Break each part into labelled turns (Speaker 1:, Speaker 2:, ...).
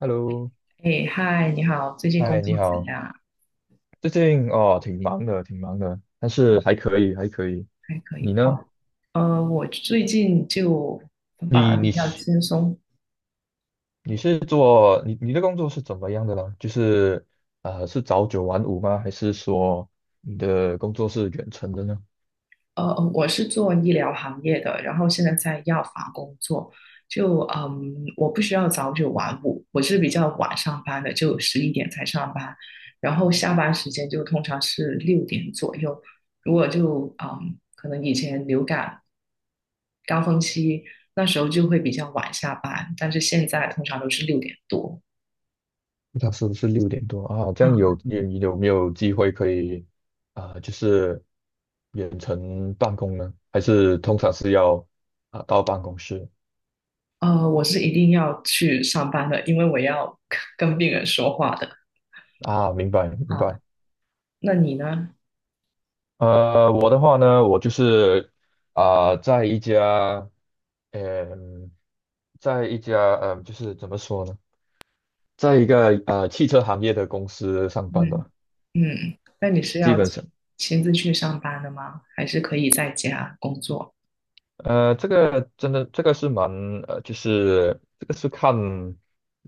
Speaker 1: Hello，
Speaker 2: 哎，嗨，你好，最近工
Speaker 1: 嗨，你
Speaker 2: 作怎
Speaker 1: 好。
Speaker 2: 样？
Speaker 1: 最近哦，挺忙的，挺忙的，但是
Speaker 2: 哦，
Speaker 1: 还可以，还可以。
Speaker 2: 还可
Speaker 1: 你
Speaker 2: 以。
Speaker 1: 呢？
Speaker 2: 哦，我最近就反
Speaker 1: 你
Speaker 2: 而比
Speaker 1: 你
Speaker 2: 较
Speaker 1: 是
Speaker 2: 轻松。
Speaker 1: 你是做你的工作是怎么样的呢？就是是早九晚五吗？还是说你的工作是远程的呢？
Speaker 2: 我是做医疗行业的，然后现在在药房工作。就我不需要早九晚五，我是比较晚上班的，就11点才上班，然后下班时间就通常是六点左右。如果就可能以前流感高峰期那时候就会比较晚下班，但是现在通常都是6点多。
Speaker 1: 那是不是六点多啊？这样
Speaker 2: 嗯
Speaker 1: 你有没有机会可以就是远程办公呢？还是通常是要到办公室
Speaker 2: 我是一定要去上班的，因为我要跟病人说话的
Speaker 1: 啊？明白明
Speaker 2: 啊。
Speaker 1: 白。
Speaker 2: 那你呢？
Speaker 1: 我的话呢，我就是啊、在一家，嗯、在一家，嗯、就是怎么说呢，在一个汽车行业的公司上班
Speaker 2: 嗯
Speaker 1: 的。
Speaker 2: 嗯，那你是要亲自去上班的吗？还是可以在家工作？
Speaker 1: 这个真的，这个是蛮就是这个是看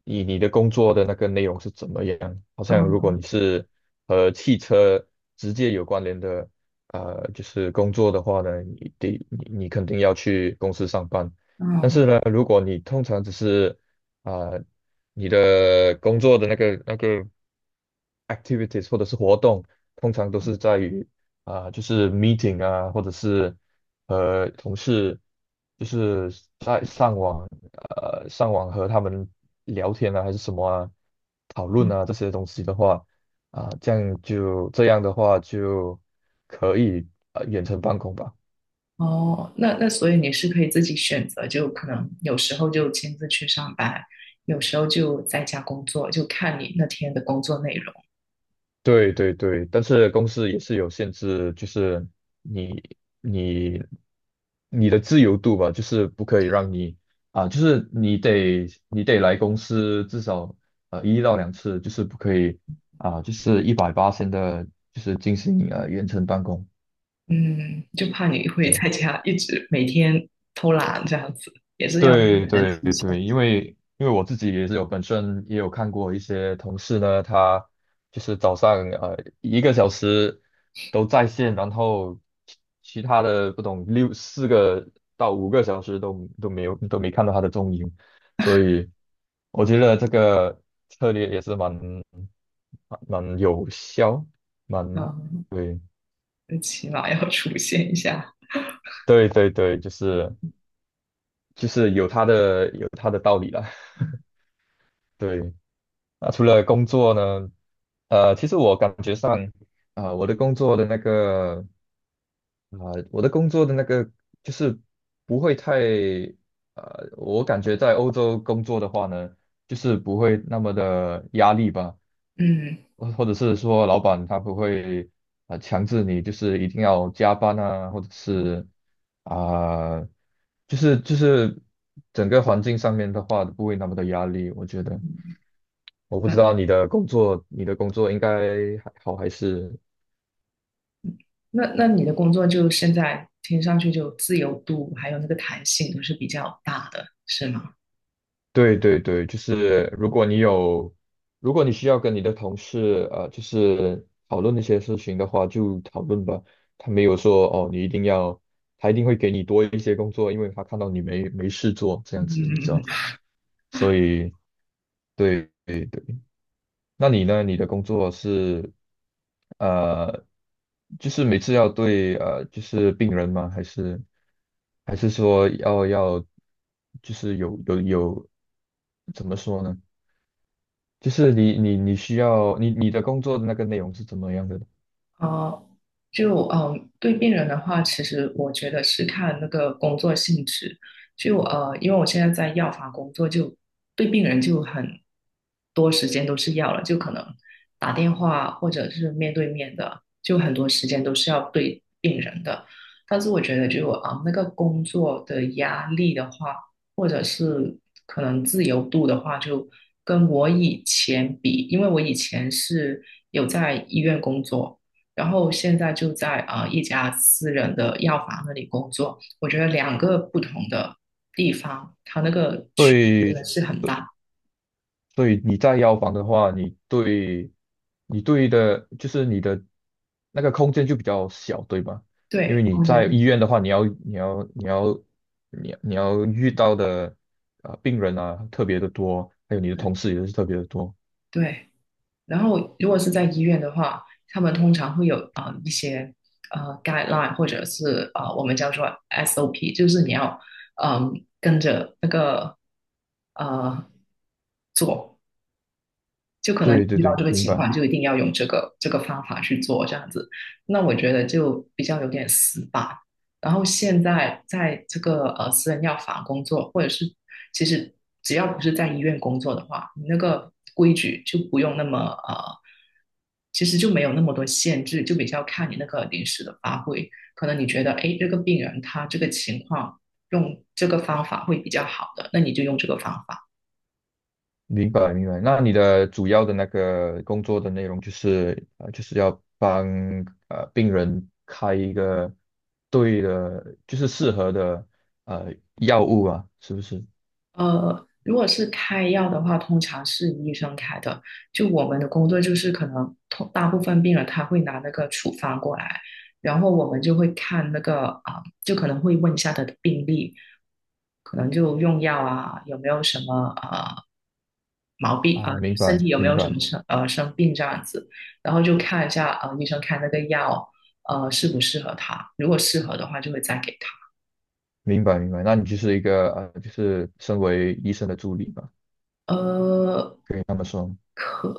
Speaker 1: 你的工作的那个内容是怎么样。好像如果
Speaker 2: 嗯
Speaker 1: 你是和汽车直接有关联的，就是工作的话呢，你得你你肯定要去公司上班。但
Speaker 2: 嗯
Speaker 1: 是呢，如果你通常只是啊、呃你的工作的那个。Activities 或者是活动，通常都是在于就是 meeting 啊，或者是同事，就是在上网，上网和他们聊天啊，还是什么啊，讨论
Speaker 2: 嗯，
Speaker 1: 啊这些东西的话，就这样的话就可以远程办公吧。
Speaker 2: 哦，那所以你是可以自己选择，就可能有时候就亲自去上班，有时候就在家工作，就看你那天的工作内容。
Speaker 1: 对对对，但是公司也是有限制，就是你你你的自由度吧，就是不可以让你啊，就是你得来公司至少一到两次，就是不可以啊，就是180的，就是进行远程办公。
Speaker 2: 嗯，就怕你会
Speaker 1: 对。
Speaker 2: 在家一直每天偷懒这样子，也是要自己
Speaker 1: 对
Speaker 2: 的
Speaker 1: 对
Speaker 2: 极限。
Speaker 1: 对，因为我自己也是有本身也有看过一些同事呢，他就是早上一个小时都在线，然后其其他的不懂4到5个小时都没看到他的踪影，所以我觉得这个策略也是蛮有效，蛮
Speaker 2: 嗯。
Speaker 1: 对
Speaker 2: 起码要出现一下。
Speaker 1: 对对对，就是有有它的道理了，对。啊，除了工作呢，其实我感觉上，啊、我的工作的那个，啊、我的工作的那个就是不会太，我感觉在欧洲工作的话呢，就是不会那么的压力吧，
Speaker 2: 嗯，
Speaker 1: 或者是说老板他不会，强制你就是一定要加班啊，或者是啊、就是整个环境上面的话不会那么的压力，我觉得，我不知
Speaker 2: 嗯，
Speaker 1: 道你的工作，你的工作应该还好还是？
Speaker 2: 那你的工作就现在听上去就自由度还有那个弹性都是比较大的，是吗？
Speaker 1: 对对对，就是如果你有，如果你需要跟你的同事就是讨论一些事情的话，就讨论吧。他没有说哦，你一定要，他一定会给你多一些工作，因为他看到你没事做这样子，你知道。
Speaker 2: 嗯。
Speaker 1: 所以，对对对，那你呢？你的工作是呃，就是每次要对就是病人吗？还是说要，就是有怎么说呢？就是你你你需要你你的工作的那个内容是怎么样的？
Speaker 2: 哦，就对病人的话，其实我觉得是看那个工作性质。就因为我现在在药房工作，就对病人就很多时间都是要了，就可能打电话或者是面对面的，就很多时间都是要对病人的。但是我觉得就那个工作的压力的话，或者是可能自由度的话，就跟我以前比，因为我以前是有在医院工作。然后现在就在一家私人的药房那里工作。我觉得两个不同的地方，它那个区别真的
Speaker 1: 对。
Speaker 2: 是很大，
Speaker 1: 所以你在药房的话，你对，你对的，就是你的那个空间就比较小，对吧？因为
Speaker 2: 对，
Speaker 1: 你
Speaker 2: 空间
Speaker 1: 在医
Speaker 2: 是
Speaker 1: 院的话，你要遇到的病人啊特别的多，还有你的同
Speaker 2: 对
Speaker 1: 事也是特别的多。
Speaker 2: 对。然后如果是在医院的话，他们通常会有一些guideline 或者是我们叫做 SOP，就是你要嗯、跟着那个呃就可能
Speaker 1: 对对
Speaker 2: 遇到
Speaker 1: 对，
Speaker 2: 这个
Speaker 1: 明
Speaker 2: 情
Speaker 1: 白
Speaker 2: 况，就一定要用这个方法去做这样子。那我觉得就比较有点死板。然后现在在这个私人药房工作，或者是其实只要不是在医院工作的话，你那个规矩就不用那么其实就没有那么多限制，就比较看你那个临时的发挥。可能你觉得，哎，这个病人他这个情况用这个方法会比较好的，那你就用这个方法。
Speaker 1: 明白明白。那你的主要的那个工作的内容就是要帮病人开一个对的，就是适合的呃药物啊，是不是？
Speaker 2: 如果是开药的话，通常是医生开的。就我们的工作就是可能通大部分病人他会拿那个处方过来，然后我们就会看那个就可能会问一下他的病历，可能就用药啊，有没有什么毛病啊、
Speaker 1: 啊，明
Speaker 2: 身
Speaker 1: 白，
Speaker 2: 体有没
Speaker 1: 明
Speaker 2: 有什么
Speaker 1: 白，
Speaker 2: 生病这样子，然后就看一下医生开那个药适不适合他，如果适合的话就会再给他。
Speaker 1: 明白，明白。那你就是一个就是身为医生的助理吧，
Speaker 2: 呃，
Speaker 1: 可以那么说。
Speaker 2: 可。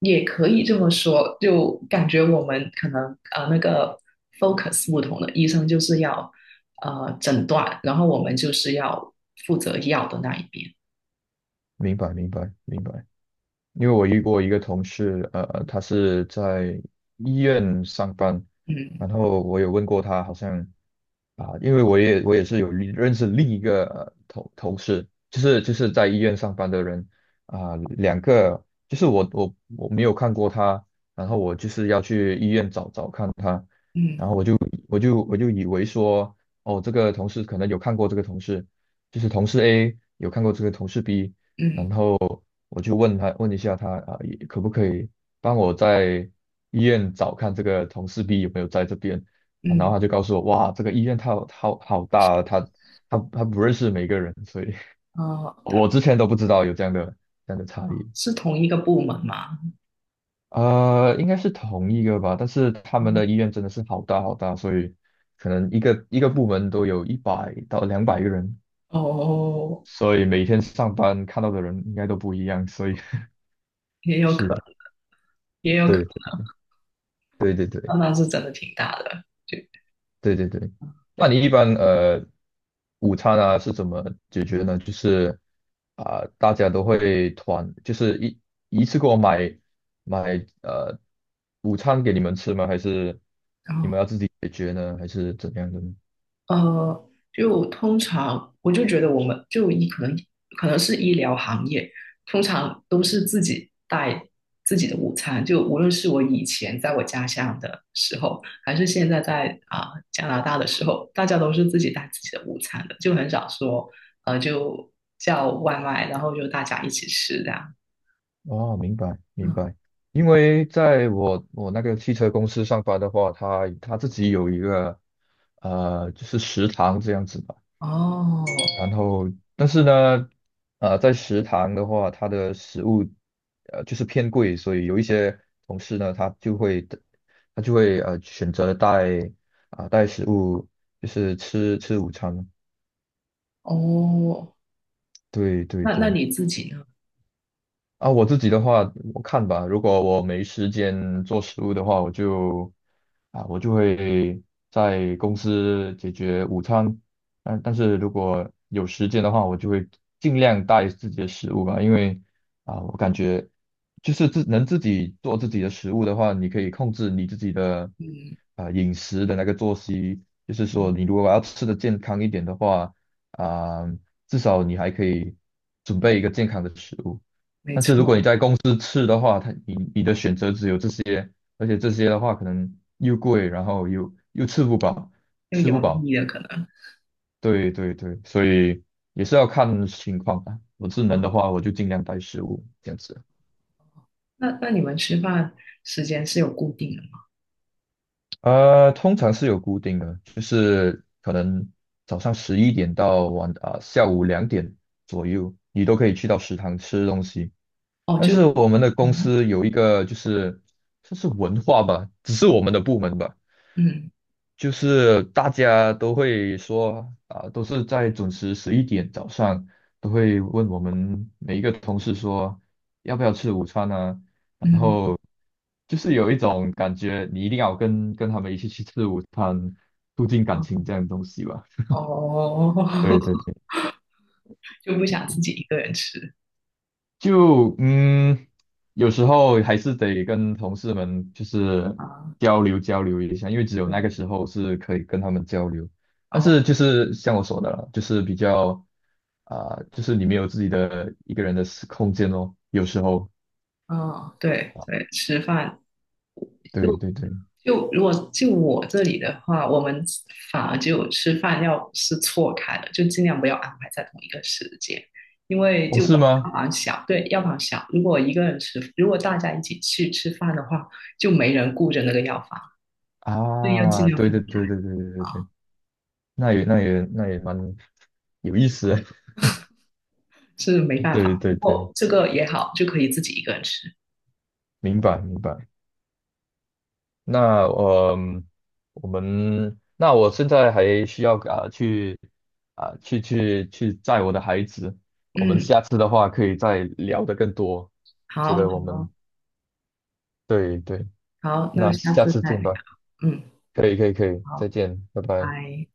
Speaker 2: 也可以这么说，就感觉我们可能那个 focus 不同的，医生就是要诊断，然后我们就是要负责药的那一边。
Speaker 1: 明白，明白，明白。因为我遇过一个同事，他是在医院上班，
Speaker 2: 嗯
Speaker 1: 然后我有问过他，好像。因为我也是有另认识另一个同事，就是在医院上班的人啊，两个就是我没有看过他，然后我就是要去医院找找看他，
Speaker 2: 嗯
Speaker 1: 然后我就以为说哦这个同事可能有看过这个同事，就是同事 A 有看过这个同事 B,
Speaker 2: 嗯
Speaker 1: 然后我就问一下他啊也可不可以帮我在医院找看这个同事 B 有没有在这边。然后
Speaker 2: 嗯，
Speaker 1: 他就告诉我，哇，这个医院它好好好大啊，他不认识每个人，所以
Speaker 2: 呃，
Speaker 1: 我之前都不知道有这样的差异。
Speaker 2: 是同一个部门吗？
Speaker 1: 应该是同一个吧，但是他们的医院真的是好大好大，所以可能一个一个部门都有100到200个人，
Speaker 2: 哦，
Speaker 1: 所以每天上班看到的人应该都不一样，所以
Speaker 2: 也 有
Speaker 1: 是
Speaker 2: 可，
Speaker 1: 的，
Speaker 2: 也有可
Speaker 1: 对对对对。
Speaker 2: 能，那是真的挺大的。对，
Speaker 1: 对对对，那你一般午餐啊是怎么解决呢？就是大家都会团，就是一次给我买呃午餐给你们吃吗？还是你们
Speaker 2: 哦。
Speaker 1: 要自己解决呢？还是怎样的呢？
Speaker 2: 就通常我就觉得我们就医可能是医疗行业，通常都是自己带自己的午餐。就无论是我以前在我家乡的时候，还是现在在加拿大的时候，大家都是自己带自己的午餐的，就很少说就叫外卖，然后就大家一起吃这样。
Speaker 1: 哦，明白明
Speaker 2: 嗯，
Speaker 1: 白。因为在我那个汽车公司上班的话，他自己有一个就是食堂这样子吧。
Speaker 2: 哦
Speaker 1: 然后，但是呢，在食堂的话，它的食物就是偏贵，所以有一些同事呢，他就会选择带带食物，就是吃吃午餐。
Speaker 2: 哦，
Speaker 1: 对对
Speaker 2: 那
Speaker 1: 对，
Speaker 2: 你自己呢？
Speaker 1: 我自己的话，我看吧。如果我没时间做食物的话，我就会在公司解决午餐。但是如果有时间的话，我就会尽量带自己的食物吧，因为啊，我感觉就是自己做自己的食物的话，你可以控制你自己的
Speaker 2: 嗯，
Speaker 1: 饮食的那个作息。就是说，
Speaker 2: 嗯
Speaker 1: 你如果要吃的健康一点的话，啊，至少你还可以准备一个健康的食物。
Speaker 2: 没
Speaker 1: 但是如果你
Speaker 2: 错，
Speaker 1: 在公司吃的话，你的选择只有这些，而且这些的话可能又贵，然后又吃不饱，
Speaker 2: 又
Speaker 1: 吃不
Speaker 2: 油
Speaker 1: 饱。
Speaker 2: 腻了可能。
Speaker 1: 对对对，所以也是要看情况啊。我智能的话，我就尽量带食物这样子。
Speaker 2: 那你们吃饭时间是有固定的吗？
Speaker 1: 通常是有固定的，就是可能早上十一点到下午2点左右，你都可以去到食堂吃东西。
Speaker 2: 哦，
Speaker 1: 但
Speaker 2: 就
Speaker 1: 是我们的公
Speaker 2: 嗯
Speaker 1: 司有一个就是这是文化吧，只是我们的部门吧。
Speaker 2: 嗯
Speaker 1: 就是大家都会说啊，都是在准时十一点早上都会问我们每一个同事说要不要吃午餐啊，然
Speaker 2: 嗯
Speaker 1: 后就是有一种感觉，你一定要跟他们一起去吃午餐，促进感情这样的东西吧。
Speaker 2: 哦，
Speaker 1: 对对 对
Speaker 2: 就不想自己一个人吃
Speaker 1: 就嗯，有时候还是得跟同事们就是
Speaker 2: 啊。
Speaker 1: 交流交流一下，因为只有
Speaker 2: 对，
Speaker 1: 那个时候是可以跟他们交流。但
Speaker 2: 哦
Speaker 1: 是就是像我说的了，就是比较就是你没有自己的一个人的私空间哦，有时候。
Speaker 2: 嗯对
Speaker 1: 啊
Speaker 2: 对，吃饭
Speaker 1: 对
Speaker 2: 就
Speaker 1: 对对。
Speaker 2: 就如果就我这里的话，我们反而就吃饭要是错开了，就尽量不要安排在同一个时间，因为
Speaker 1: 哦，
Speaker 2: 就
Speaker 1: 是
Speaker 2: 我们药
Speaker 1: 吗？
Speaker 2: 房小，对，药房小，如果一个人吃，如果大家一起去吃饭的话，就没人顾着那个药房，所以要尽量
Speaker 1: 对
Speaker 2: 分。
Speaker 1: 对对对对对对对。那也蛮有意思的
Speaker 2: 是没 办
Speaker 1: 对
Speaker 2: 法。
Speaker 1: 对
Speaker 2: 不
Speaker 1: 对，
Speaker 2: 过这个也好，就可以自己一个人吃。
Speaker 1: 明白明白。那呃，嗯我们我现在还需要啊、去啊、去去去载我的孩子，我们
Speaker 2: 嗯，
Speaker 1: 下次的话可以再聊得更多。觉
Speaker 2: 好，
Speaker 1: 得我
Speaker 2: 好，
Speaker 1: 们对对。
Speaker 2: 好，那
Speaker 1: 那
Speaker 2: 下
Speaker 1: 下
Speaker 2: 次
Speaker 1: 次
Speaker 2: 再
Speaker 1: 见
Speaker 2: 聊。
Speaker 1: 吧，
Speaker 2: 嗯，
Speaker 1: 可以可以可以，再
Speaker 2: 好，
Speaker 1: 见，拜
Speaker 2: 拜
Speaker 1: 拜。
Speaker 2: 拜。